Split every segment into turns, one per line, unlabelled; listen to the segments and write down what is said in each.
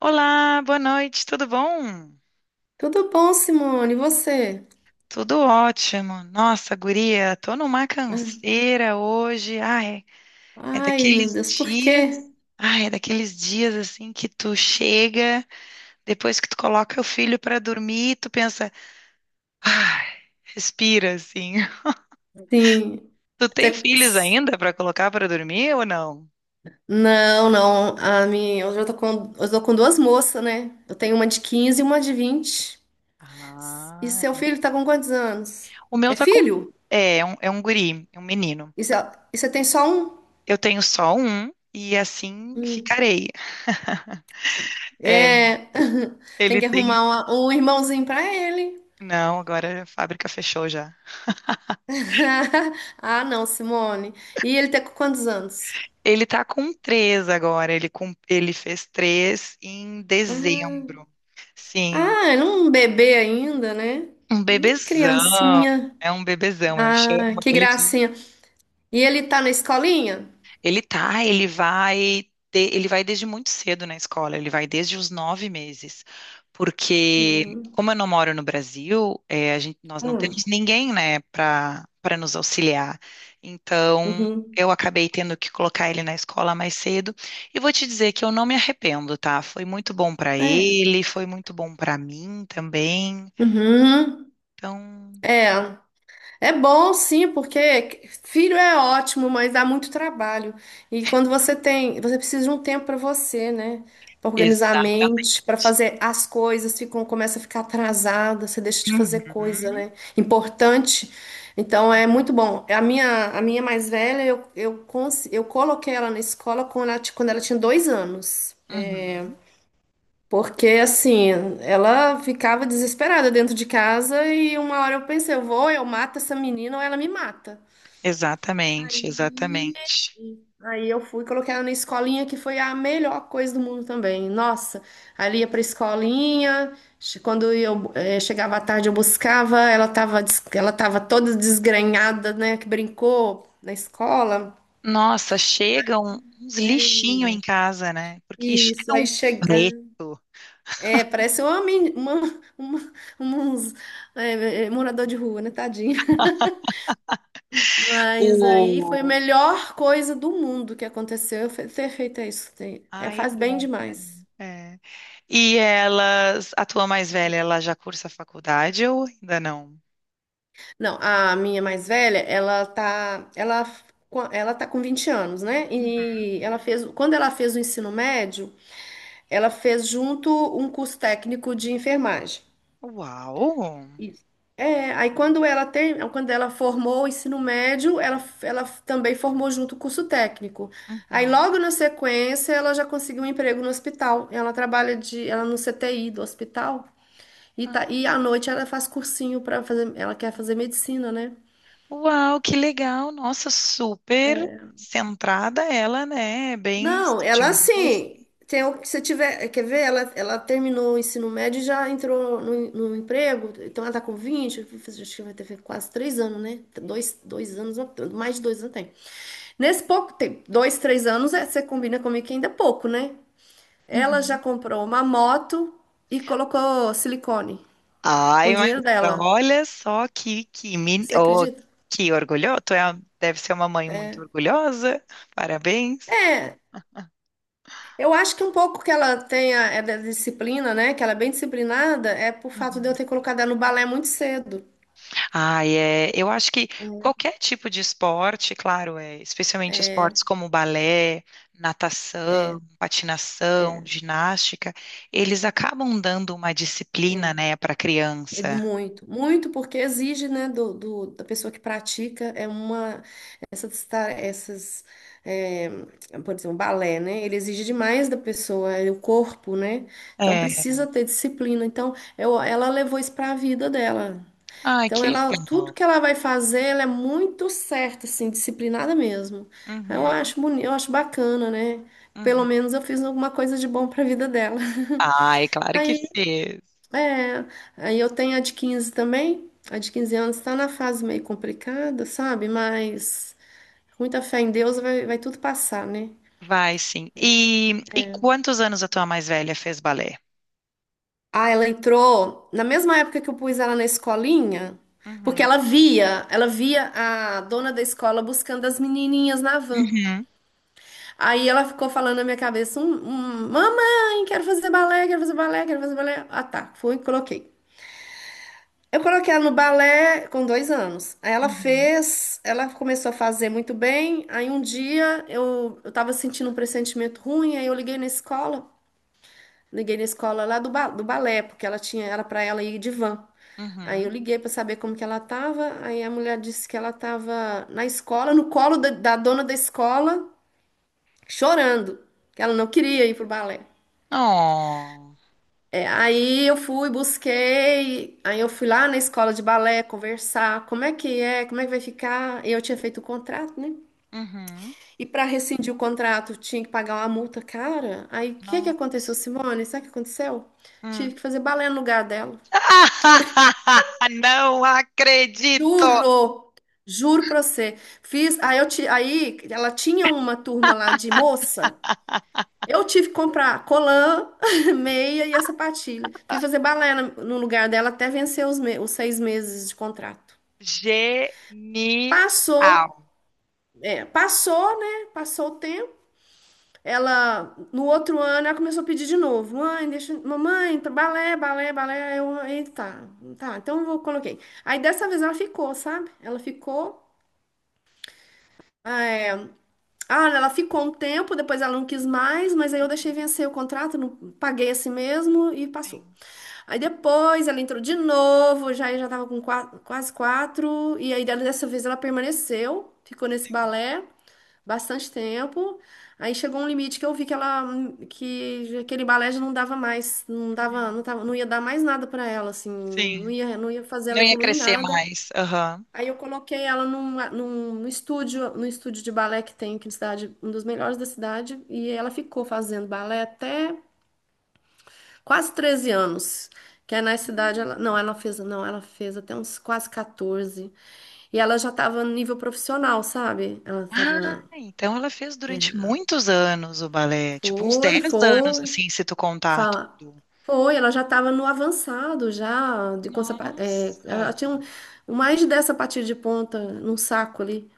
Olá, boa noite, tudo bom?
Tudo bom, Simone? E você?
Tudo ótimo. Nossa, guria, tô numa
Ah,
canseira hoje. Ai, é
ai, meu
daqueles
Deus, por
dias,
quê?
ai, é daqueles dias assim que tu chega, depois que tu coloca o filho pra dormir, tu pensa, ai, respira assim.
Sim.
Tu tem filhos
Você-
ainda pra colocar pra dormir ou não?
Não, não. Hoje eu tô com duas moças, né? Eu tenho uma de 15 e uma de 20. E
Ah,
seu filho tá com quantos anos?
o meu
É
tá com
filho?
é um guri, é um menino.
E você tem só um?
Eu tenho só um e assim
Hum.
ficarei. É,
É. Tem
ele
que
tem.
arrumar um irmãozinho pra ele.
Não, agora a fábrica fechou já.
Ah, não, Simone. E ele tem com quantos anos?
Ele tá com três agora. Ele fez três em
Ah.
dezembro. Sim,
Ah, era um bebê ainda, né?
um bebezão.
Criancinha.
É um bebezão. Eu chamo
Ah, que
ele de.
gracinha. E ele tá na escolinha?
Ele tá, ele vai, de- ele vai desde muito cedo na escola, ele vai desde os nove meses, porque
Uhum.
como eu não moro no Brasil, a gente, nós não temos
Ah,
ninguém, né, para nos auxiliar. Então,
uhum.
eu acabei tendo que colocar ele na escola mais cedo e vou te dizer que eu não me arrependo, tá? Foi muito bom para
É.
ele, foi muito bom para mim também.
Uhum.
Então,
É. É bom, sim, porque filho é ótimo, mas dá muito trabalho. E quando você tem, você precisa de um tempo para você, né? Para organizar a
exatamente.
mente, para fazer as coisas, ficam, começa a ficar atrasada, você deixa de fazer coisa,
Uhum,
né? Importante. Então é muito bom. A minha mais velha, eu coloquei ela na escola quando quando ela tinha 2 anos. É,
uhum.
porque assim, ela ficava desesperada dentro de casa e uma hora eu pensei, eu vou, eu mato essa menina ou ela me mata.
Exatamente, exatamente.
Aí eu fui, coloquei ela na escolinha, que foi a melhor coisa do mundo também. Nossa, ali ia pra escolinha, quando eu chegava à tarde eu buscava, ela tava toda desgrenhada, né, que brincou na escola.
Nossa, chegam uns lixinhos em
É.
casa, né? Porque chega
Isso,
um
aí chegar.
preto.
É, parece uma, men- uma, uns, é, é, morador de rua, né, tadinho. Mas aí foi a
O...
melhor coisa do mundo que aconteceu foi ter feito isso.
Ai,
Faz bem
bom.
demais.
É. E elas, a tua mais velha, ela já cursa faculdade ou ainda não?
Não, a minha mais velha, ela tá com 20 anos, né? E ela fez, quando ela fez o ensino médio, ela fez junto um curso técnico de enfermagem.
Uau!
Isso. É, aí quando ela formou o ensino médio, ela também formou junto o curso técnico. Aí
Uhum.
logo na sequência, ela já conseguiu um emprego no hospital. Ela no CTI do hospital e tá,
Ah,
e à noite ela faz cursinho para fazer, ela quer fazer medicina, né?
uau, que legal! Nossa, super centrada ela, né? Bem
Não, ela
estudiosa.
assim, tem o que você tiver, quer ver? Ela terminou o ensino médio e já entrou no emprego, então ela tá com 20. Acho que vai ter quase 3 anos, né? Dois anos, mais de 2 anos tem. Nesse pouco tempo, dois, três anos, é, você combina comigo que ainda é pouco, né? Ela já
Uhum.
comprou uma moto e colocou silicone com
Ai,
o
mas
dinheiro dela.
olha só que, men-
Você
oh,
acredita?
que orgulhoso. Tu é, uma- deve ser uma mãe muito orgulhosa. Parabéns.
É, eu acho que um pouco que ela tenha é da disciplina, né? Que ela é bem disciplinada, é por fato de eu
Uhum.
ter colocado ela no balé muito cedo.
Ai, é, eu acho que qualquer tipo de esporte, claro, é, especialmente
É,
esportes como balé, natação, patinação,
é,
ginástica, eles acabam dando uma disciplina,
é.
né, para a
É
criança.
muito, muito, porque exige, né, da pessoa que pratica, é uma, essas, ta- essas é, por exemplo, balé, né, ele exige demais da pessoa, é o corpo, né, então
É.
precisa ter disciplina, então ela levou isso para a vida dela,
Ai,
então
que
ela,
legal.
tudo que ela vai fazer, ela é muito certa, assim, disciplinada mesmo, eu
Uhum,
acho bonito, eu acho bacana, né, pelo
uhum.
menos eu fiz alguma coisa de bom para a vida dela.
Ai, claro que sim.
É, aí eu tenho a de 15 também. A de 15 anos está na fase meio complicada, sabe? Mas com muita fé em Deus vai tudo passar, né?
Vai sim. E quantos anos a tua mais velha fez balé?
Ah, ela entrou na mesma época que eu pus ela na escolinha, porque
Uhum.
ela via a dona da escola buscando as menininhas na van.
Uhum.
Aí ela ficou falando na minha cabeça, mamãe, quero fazer balé, quero fazer balé, quero fazer balé. Ah, tá, fui e coloquei. Eu coloquei ela no balé com 2 anos. Aí ela
Uhum.
fez, ela começou a fazer muito bem. Aí um dia eu tava sentindo um pressentimento ruim, aí eu liguei na escola lá do balé, porque era para ela ir de van. Aí eu
Uhum.
liguei para saber como que ela tava. Aí a mulher disse que ela tava na escola, no colo da dona da escola, chorando, que ela não queria ir pro balé.
Oh.
É, aí eu fui, busquei, aí eu fui lá na escola de balé conversar, como é que é, como é que vai ficar? Eu tinha feito o contrato, né?
Uhum.
E para rescindir o contrato, tinha que pagar uma multa cara. Aí o que que aconteceu,
Nossa.
Simone? Sabe o que aconteceu?
Hum.
Tive que fazer balé no lugar dela.
Não acredito!
Juro, juro pra você. Fiz, aí ela tinha uma turma lá de moça. Eu tive que comprar colã, meia e a sapatilha. Fui fazer balé no lugar dela até vencer os 6 meses de contrato.
Genial.
Passou, é, passou, né? Passou o tempo. Ela, no outro ano, ela começou a pedir de novo. Mãe, deixa, mamãe, tá balé, balé, balé. Aí eita, tá, tá, então coloquei. Aí dessa vez ela ficou, sabe? Ela ficou. é, Ela ficou um tempo, depois ela não quis mais, mas aí eu deixei vencer o contrato, não, paguei assim mesmo e passou.
Sim,
Aí depois ela entrou de novo, já tava com quase quatro, e aí dessa vez ela permaneceu, ficou nesse
sim.
balé bastante tempo. Aí chegou um limite que eu vi que aquele balé já não dava mais, não dava,
Uhum.
não tava, não ia dar mais nada pra ela, assim, não
Sim.
ia, não ia fazer
Não
ela
ia
evoluir em
crescer
nada.
mais. Aham.
Aí eu coloquei ela num estúdio de balé que tem aqui na cidade, um dos melhores da cidade, e ela ficou fazendo balé até quase 13 anos. Que é na cidade, ela, não, ela fez, não, ela fez até uns quase 14. E ela já tava no nível profissional, sabe? Ela tava,
Ah, então ela fez durante muitos anos o balé, tipo uns 10
foi,
anos,
foi,
assim, se tu contar
fala,
tudo.
foi, ela já tava no avançado, já, de, com, sapa- é, ela
Nossa!
tinha um, mais de 10 sapatilhas de ponta num saco ali.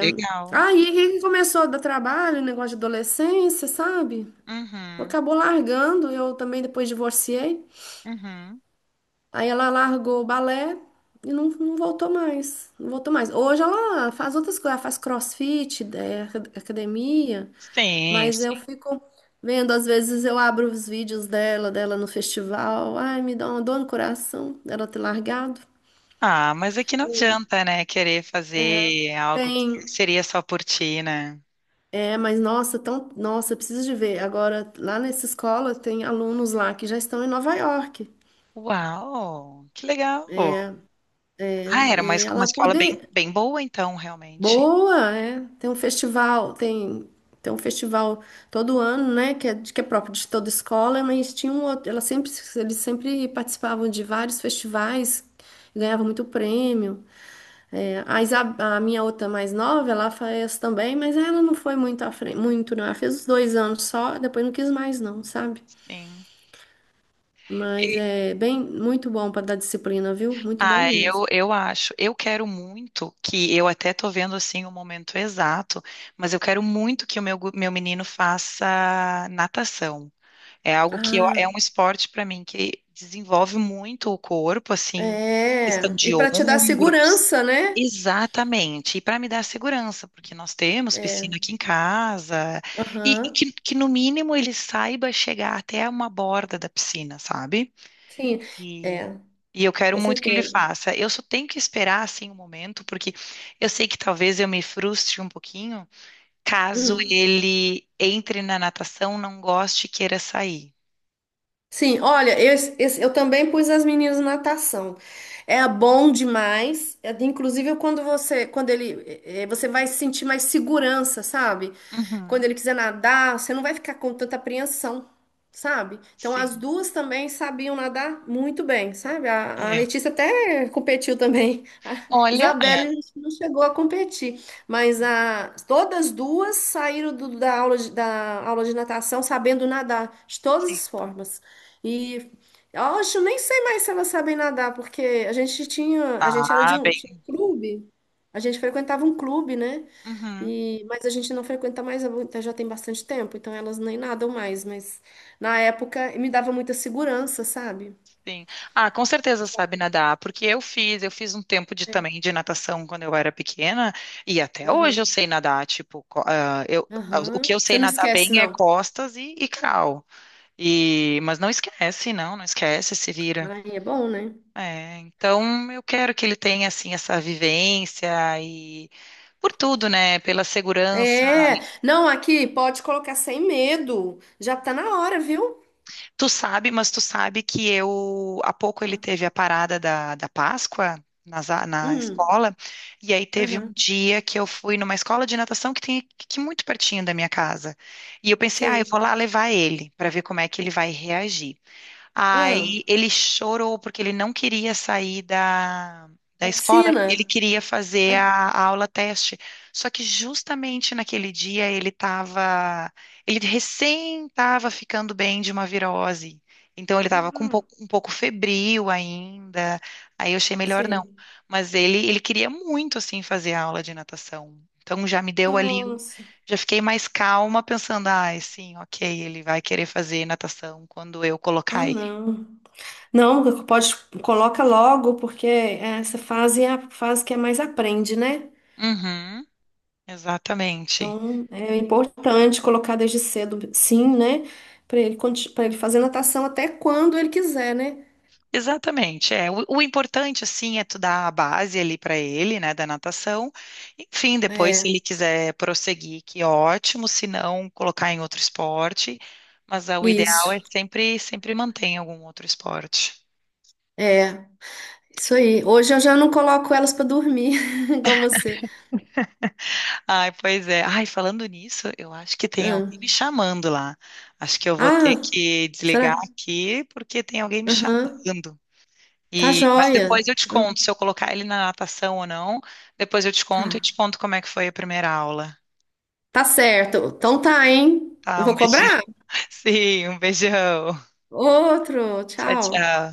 Legal.
Aí que começou a dar trabalho, negócio de adolescência, sabe?
Uhum,
Acabou largando, eu também depois divorciei.
uhum.
Aí ela largou o balé e não voltou mais. Não voltou mais. Hoje ela faz outras coisas, ela faz crossfit, academia,
Sim,
mas eu
sim.
fico vendo, às vezes eu abro os vídeos dela no festival. Ai, me dá uma dor no coração dela ter largado.
Ah, mas aqui não adianta, né? Querer
É.
fazer algo que
Tem,
seria só por ti, né?
mas nossa, tão, nossa, eu preciso de ver. Agora, lá nessa escola tem alunos lá que já estão em Nova York.
Uau, que legal. Ah, era uma,
E
es- uma
ela
escola bem,
poder,
bem boa, então, realmente.
boa, é. Tem um festival, tem um festival todo ano, né? Que é, que é próprio de toda escola, mas tinha um outro, eles sempre participavam de vários festivais, ganhavam muito prêmio. É, a minha outra mais nova, ela fez também, mas ela não foi muito à frente, muito, não. Ela fez os 2 anos só, depois não quis mais, não, sabe?
Sim.
Mas
E-
é bem, muito bom para dar disciplina, viu? Muito bom
ah,
mesmo.
eu acho. Eu quero muito que, eu até tô vendo, assim, o momento exato, mas eu quero muito que o meu, gu- meu menino faça natação. É algo que eu- é
Ah,
um esporte para mim que desenvolve muito o corpo, assim, questão
é. E
de
para te dar
ombros.
segurança, né?
Exatamente. E para me dar segurança, porque nós temos
É.
piscina aqui em casa, e
Aham,
que no mínimo ele saiba chegar até uma borda da piscina, sabe?
sim,
E,
é,
e eu quero
com
muito que ele
certeza.
faça. Eu só tenho que esperar assim um momento, porque eu sei que talvez eu me frustre um pouquinho caso
Hum.
ele entre na natação, não goste e queira sair.
Sim, olha, eu também pus as meninas na natação. É bom demais. É, inclusive, quando ele, você vai sentir mais segurança, sabe? Quando ele
Uhum.
quiser nadar, você não vai ficar com tanta apreensão, sabe? Então, as
Sim,
duas também sabiam nadar muito bem, sabe? A
é.
Letícia até competiu também. A
Olha,
Isabelle não chegou a competir, mas todas duas saíram da aula da aula de natação sabendo nadar de todas
sim.
as formas. E hoje eu nem sei mais se elas sabem nadar, porque a gente tinha, a gente era de
Ah,
um,
bem.
tinha um clube, a gente frequentava um clube, né?
Uhum,
Mas a gente não frequenta mais já tem bastante tempo, então elas nem nadam mais, mas na época me dava muita segurança, sabe?
sim. Ah, com certeza sabe nadar, porque eu fiz um tempo de
É,
também de natação quando eu era pequena e até hoje
aham,
eu sei nadar, tipo, co- o
aham.
que eu
Você
sei
não
nadar
esquece,
bem é
não.
costas e crawl. E, mas não esquece, não, não esquece, se vira.
Ai, é bom, né?
É, então eu quero que ele tenha assim essa vivência e por tudo, né? Pela segurança.
É, não, aqui pode colocar sem medo. Já tá na hora, viu?
Tu sabe, mas tu sabe que eu, há pouco ele
Ah,
teve a parada da, da Páscoa nas a- na,
hum,
escola, e aí teve um
aham,
dia que eu fui numa escola de natação que tem aqui muito pertinho da minha casa. E eu pensei, ah, eu vou
sei.
lá levar ele para ver como é que ele vai reagir.
Ah,
Aí ele chorou porque ele não queria sair da, da
na
escola, ele
piscina?
queria fazer
Ah,
a aula teste. Só que justamente naquele dia ele estava, ele recém estava ficando bem de uma virose. Então ele estava com
ah,
um pouco febril ainda. Aí eu achei melhor não.
sei.
Mas ele queria muito assim fazer a aula de natação. Então já me deu ali, o-
Nossa.
já fiquei mais calma pensando, ah, sim, ok, ele vai querer fazer natação quando eu
Ah,
colocar ele.
não. Não, pode, coloca logo, porque essa fase é a fase que é mais aprende, né?
Uhum, exatamente.
Então, é importante colocar desde cedo, sim, né? Para ele, para ele fazer natação até quando ele quiser, né?
Exatamente, é. O importante, assim, é tu dar a base ali para ele, né, da natação. Enfim, depois, se
É,
ele quiser prosseguir, que ótimo, se não, colocar em outro esporte. Mas ah, o ideal é
isso.
sempre, sempre manter em algum outro esporte.
É, isso aí. Hoje eu já não coloco elas para dormir, igual você.
Ai, pois é. Ai, falando nisso, eu acho que tem
Ah,
alguém me chamando lá. Acho que eu vou ter
ah,
que desligar
será?
aqui, porque tem alguém me
Aham.
chamando.
Tá
E, mas
joia.
depois eu te conto se eu colocar ele na natação ou não. Depois eu te conto e
Tá.
te conto como é que foi a primeira aula.
Tá certo. Então tá, hein? Eu
Tá, um
vou
beijão.
cobrar.
Sim, um beijão.
Outro.
Tchau,
Tchau.
tchau.